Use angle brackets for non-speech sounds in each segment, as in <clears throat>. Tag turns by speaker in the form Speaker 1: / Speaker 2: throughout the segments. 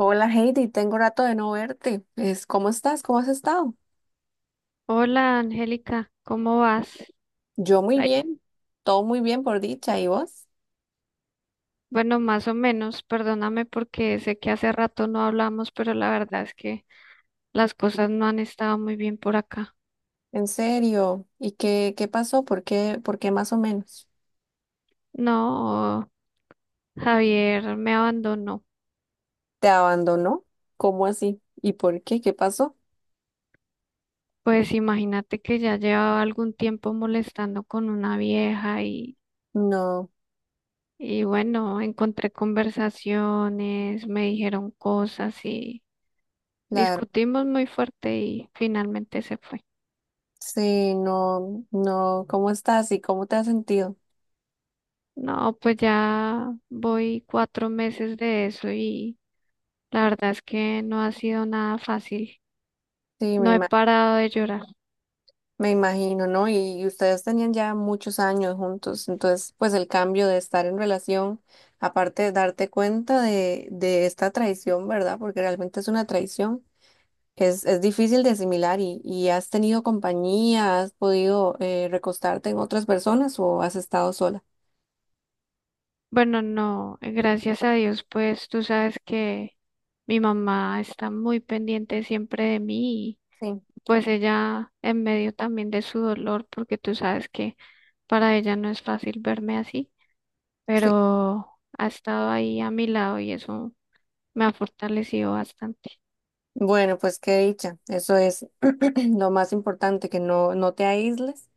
Speaker 1: Hola Heidi, tengo rato de no verte. ¿Cómo estás? ¿Cómo has estado?
Speaker 2: Hola Angélica, ¿cómo vas?
Speaker 1: Yo muy
Speaker 2: Ay,
Speaker 1: bien, todo muy bien por dicha. ¿Y vos?
Speaker 2: bueno, más o menos, perdóname porque sé que hace rato no hablamos, pero la verdad es que las cosas no han estado muy bien por acá.
Speaker 1: ¿En serio? ¿Y qué pasó? ¿Por qué más o menos?
Speaker 2: No, Javier me abandonó.
Speaker 1: ¿Te abandonó? ¿Cómo así? ¿Y por qué? ¿Qué pasó?
Speaker 2: Pues imagínate que ya llevaba algún tiempo molestando con una vieja
Speaker 1: No,
Speaker 2: y bueno, encontré conversaciones, me dijeron cosas y
Speaker 1: claro.
Speaker 2: discutimos muy fuerte y finalmente se fue.
Speaker 1: Sí, no, no. ¿Cómo estás y cómo te has sentido?
Speaker 2: No, pues ya voy 4 meses de eso y la verdad es que no ha sido nada fácil.
Speaker 1: Sí, me
Speaker 2: No he
Speaker 1: imagino.
Speaker 2: parado de llorar.
Speaker 1: Me imagino, ¿no? Y ustedes tenían ya muchos años juntos, entonces pues el cambio de estar en relación, aparte de darte cuenta de esta traición, ¿verdad? Porque realmente es una traición, es difícil de asimilar y has tenido compañía, has podido recostarte en otras personas o has estado sola.
Speaker 2: Bueno, no, gracias a Dios, pues tú sabes que mi mamá está muy pendiente siempre de mí y
Speaker 1: Sí,
Speaker 2: pues ella en medio también de su dolor, porque tú sabes que para ella no es fácil verme así,
Speaker 1: sí.
Speaker 2: pero ha estado ahí a mi lado y eso me ha fortalecido bastante.
Speaker 1: Bueno, pues qué dicha, eso es <clears throat> lo más importante, que no, no te aísles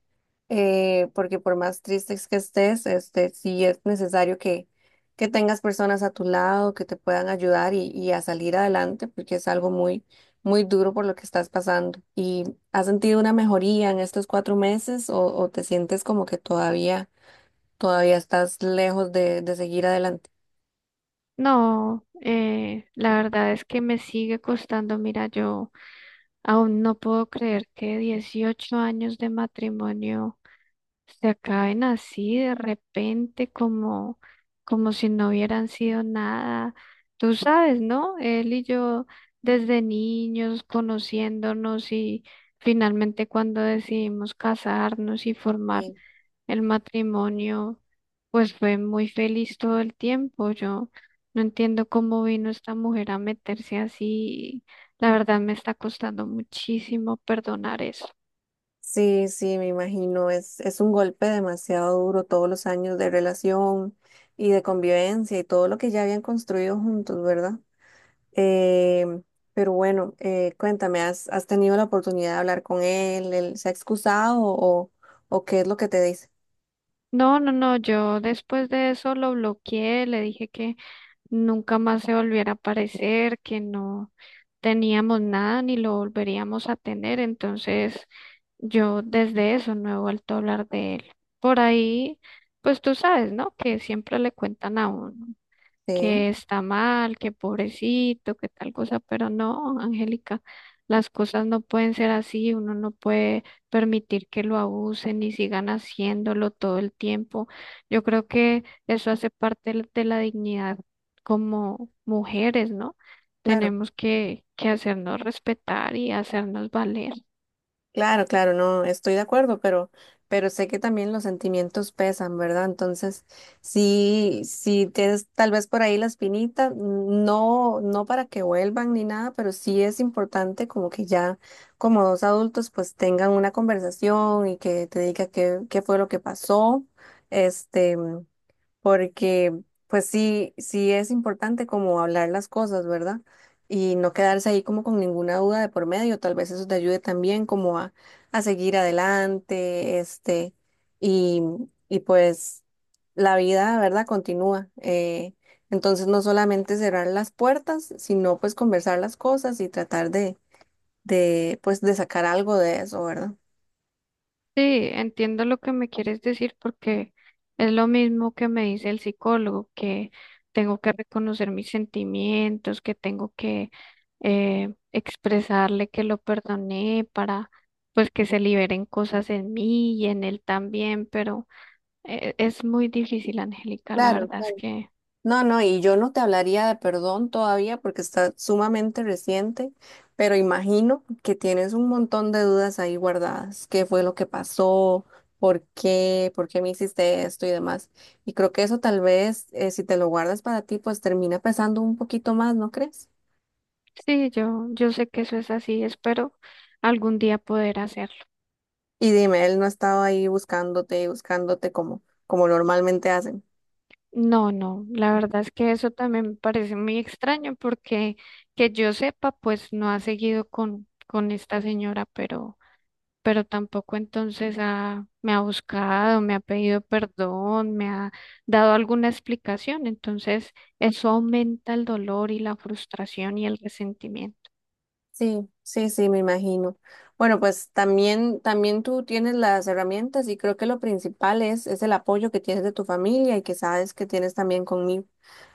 Speaker 1: porque por más tristes que estés, este, sí es necesario que tengas personas a tu lado que te puedan ayudar y a salir adelante, porque es algo muy duro por lo que estás pasando. ¿Y has sentido una mejoría en estos cuatro meses o te sientes como que todavía estás lejos de seguir adelante?
Speaker 2: No, la verdad es que me sigue costando. Mira, yo aún no puedo creer que 18 años de matrimonio se acaben así de repente, como si no hubieran sido nada. Tú sabes, ¿no? Él y yo desde niños conociéndonos y finalmente cuando decidimos casarnos y formar
Speaker 1: Sí,
Speaker 2: el matrimonio, pues fue muy feliz todo el tiempo. Yo no entiendo cómo vino esta mujer a meterse así. La verdad me está costando muchísimo perdonar eso.
Speaker 1: sí, sí, me imagino. Es un golpe demasiado duro todos los años de relación y de convivencia y todo lo que ya habían construido juntos, ¿verdad? Eh, pero bueno, cuéntame, has tenido la oportunidad de hablar con él? ¿Él se ha excusado o qué es lo que te dice?
Speaker 2: No, no, no, yo después de eso lo bloqueé, le dije que nunca más se volviera a aparecer, que no teníamos nada ni lo volveríamos a tener. Entonces, yo desde eso no he vuelto a hablar de él. Por ahí, pues tú sabes, ¿no? Que siempre le cuentan a uno,
Speaker 1: Sí,
Speaker 2: que está mal, que pobrecito, que tal cosa, pero no, Angélica, las cosas no pueden ser así, uno no puede permitir que lo abusen y sigan haciéndolo todo el tiempo. Yo creo que eso hace parte de la dignidad como mujeres, ¿no?
Speaker 1: claro,
Speaker 2: Tenemos que hacernos respetar y hacernos valer.
Speaker 1: claro, claro, no, estoy de acuerdo, pero sé que también los sentimientos pesan, ¿verdad? Entonces, sí, sí tienes tal vez por ahí la espinita, no, no para que vuelvan ni nada, pero sí es importante como que ya como dos adultos pues tengan una conversación y que te diga qué fue lo que pasó. Este, porque pues sí, sí es importante como hablar las cosas, ¿verdad? Y no quedarse ahí como con ninguna duda de por medio, tal vez eso te ayude también como a seguir adelante, este, y, y pues la vida, ¿verdad? Continúa. Entonces no solamente cerrar las puertas, sino pues conversar las cosas y tratar de pues de sacar algo de eso, ¿verdad?
Speaker 2: Sí, entiendo lo que me quieres decir porque es lo mismo que me dice el psicólogo, que tengo que reconocer mis sentimientos, que tengo que expresarle que lo perdoné para pues que se liberen cosas en mí y en él también, pero es muy difícil, Angélica, la
Speaker 1: Claro,
Speaker 2: verdad es
Speaker 1: claro.
Speaker 2: que
Speaker 1: No, no, y yo no te hablaría de perdón todavía porque está sumamente reciente, pero imagino que tienes un montón de dudas ahí guardadas. ¿Qué fue lo que pasó? ¿Por qué? ¿Por qué me hiciste esto y demás? Y creo que eso tal vez, si te lo guardas para ti, pues termina pesando un poquito más, ¿no crees?
Speaker 2: sí, yo sé que eso es así, espero algún día poder hacerlo.
Speaker 1: Y dime, él no estaba ahí buscándote y buscándote como normalmente hacen.
Speaker 2: No, no, la verdad es que eso también me parece muy extraño porque que yo sepa, pues no ha seguido con esta señora, pero tampoco entonces me ha buscado, me ha pedido perdón, me ha dado alguna explicación. Entonces, eso aumenta el dolor y la frustración y el resentimiento.
Speaker 1: Sí, sí, sí, me imagino. Bueno, pues también, también tú tienes las herramientas y creo que lo principal es el apoyo que tienes de tu familia y que sabes que tienes también conmigo.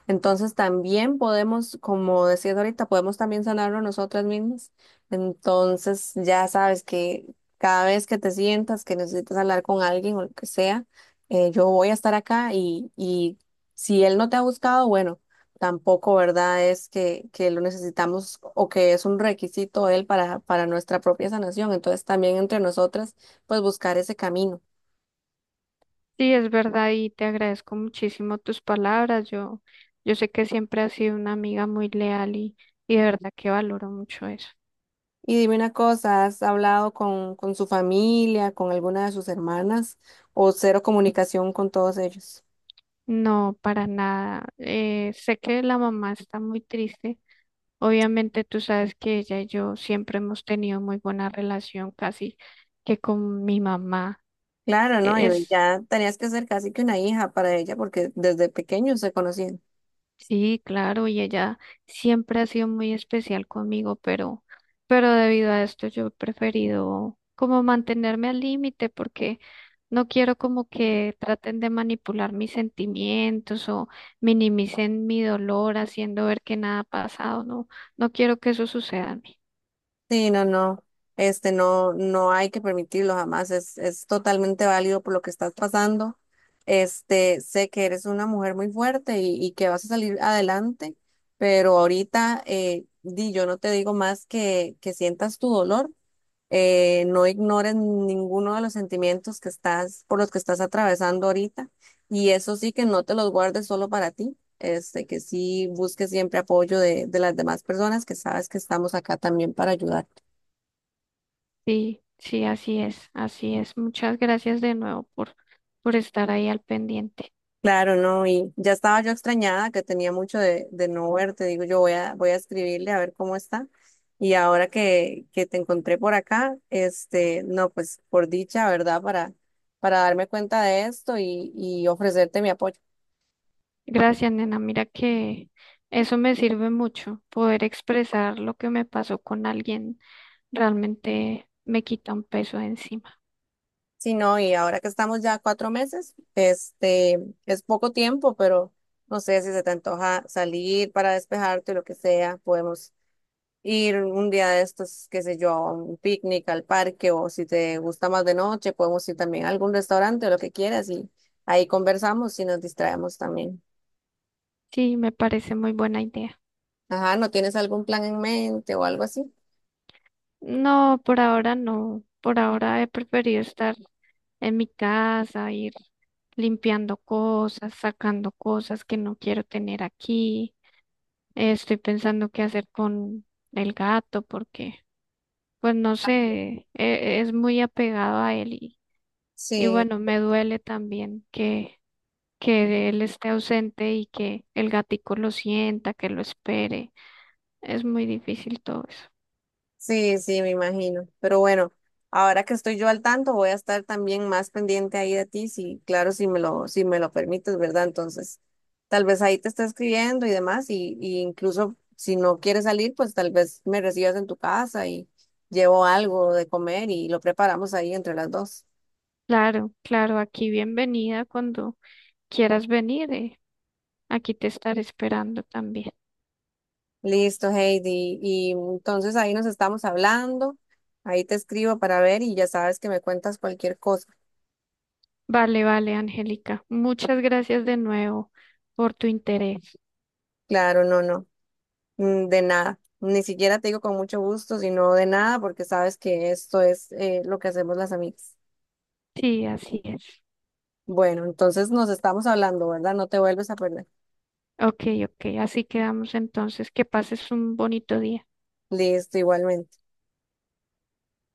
Speaker 1: Entonces también podemos, como decías ahorita, podemos también sanarlo nosotras mismas. Entonces ya sabes que cada vez que te sientas que necesitas hablar con alguien o lo que sea, yo voy a estar acá y si él no te ha buscado, bueno tampoco, ¿verdad? Es que lo necesitamos o que es un requisito él para nuestra propia sanación. Entonces también entre nosotras, pues buscar ese camino.
Speaker 2: Sí, es verdad y te agradezco muchísimo tus palabras. Yo sé que siempre has sido una amiga muy leal y de verdad que valoro mucho eso.
Speaker 1: Y dime una cosa, ¿has hablado con su familia, con alguna de sus hermanas o cero comunicación con todos ellos?
Speaker 2: No, para nada. Sé que la mamá está muy triste. Obviamente tú sabes que ella y yo siempre hemos tenido muy buena relación, casi que con mi mamá.
Speaker 1: Claro, ¿no?
Speaker 2: E-
Speaker 1: Y
Speaker 2: Es
Speaker 1: ya tenías que ser casi que una hija para ella porque desde pequeños se conocían.
Speaker 2: Sí, claro, y ella siempre ha sido muy especial conmigo, pero debido a esto yo he preferido como mantenerme al límite porque no quiero como que traten de manipular mis sentimientos o minimicen mi dolor haciendo ver que nada ha pasado, no, no quiero que eso suceda a mí.
Speaker 1: Sí, no, no, este no, no hay que permitirlo jamás, es totalmente válido por lo que estás pasando. Este, sé que eres una mujer muy fuerte y que vas a salir adelante, pero ahorita yo no te digo más que sientas tu dolor, no ignores ninguno de los sentimientos que estás, por los que estás atravesando ahorita, y eso sí que no te los guardes solo para ti. Este, que sí busques siempre apoyo de las demás personas que sabes que estamos acá también para ayudar.
Speaker 2: Sí, sí, así es, así es. Muchas gracias de nuevo por estar ahí al pendiente.
Speaker 1: Claro, no, y ya estaba yo extrañada que tenía mucho de no verte. Digo, yo voy voy a escribirle a ver cómo está. Y ahora que te encontré por acá, este, no, pues por dicha, ¿verdad? Para darme cuenta de esto y ofrecerte mi apoyo.
Speaker 2: Gracias, nena. Mira que eso me sirve mucho. Poder expresar lo que me pasó con alguien realmente me quita un peso de encima.
Speaker 1: Sí, no, y ahora que estamos ya a cuatro meses, este, es poco tiempo, pero no sé si se te antoja salir para despejarte o lo que sea, podemos ir un día de estos, qué sé yo, a un picnic, al parque, o si te gusta más de noche, podemos ir también a algún restaurante o lo que quieras y ahí conversamos y nos distraemos también.
Speaker 2: Sí, me parece muy buena idea.
Speaker 1: Ajá, ¿no tienes algún plan en mente o algo así?
Speaker 2: No, por ahora no. Por ahora he preferido estar en mi casa, ir limpiando cosas, sacando cosas que no quiero tener aquí. Estoy pensando qué hacer con el gato porque, pues no sé, es muy apegado a él y
Speaker 1: Sí.
Speaker 2: bueno, me duele también que él esté ausente y que el gatico lo sienta, que lo espere. Es muy difícil todo eso.
Speaker 1: Sí, sí, me imagino. Pero bueno, ahora que estoy yo al tanto, voy a estar también más pendiente ahí de ti, si, claro, si me lo permites, ¿verdad? Entonces, tal vez ahí te esté escribiendo y demás, y incluso si no quieres salir, pues tal vez me recibas en tu casa y llevo algo de comer y lo preparamos ahí entre las dos.
Speaker 2: Claro, claro, aquí bienvenida cuando quieras venir. Aquí te estaré esperando también.
Speaker 1: Listo, Heidi. Y entonces ahí nos estamos hablando. Ahí te escribo para ver y ya sabes que me cuentas cualquier cosa.
Speaker 2: Vale, vale, Angélica. Muchas gracias de nuevo por tu interés.
Speaker 1: Claro, no, no. Mm, de nada, ni siquiera te digo con mucho gusto, sino de nada, porque sabes que esto es lo que hacemos las amigas.
Speaker 2: Sí, así es.
Speaker 1: Bueno, entonces nos estamos hablando, ¿verdad? No te vuelves a perder.
Speaker 2: Ok, ok. Así quedamos entonces. Que pases un bonito día.
Speaker 1: Listo, igualmente.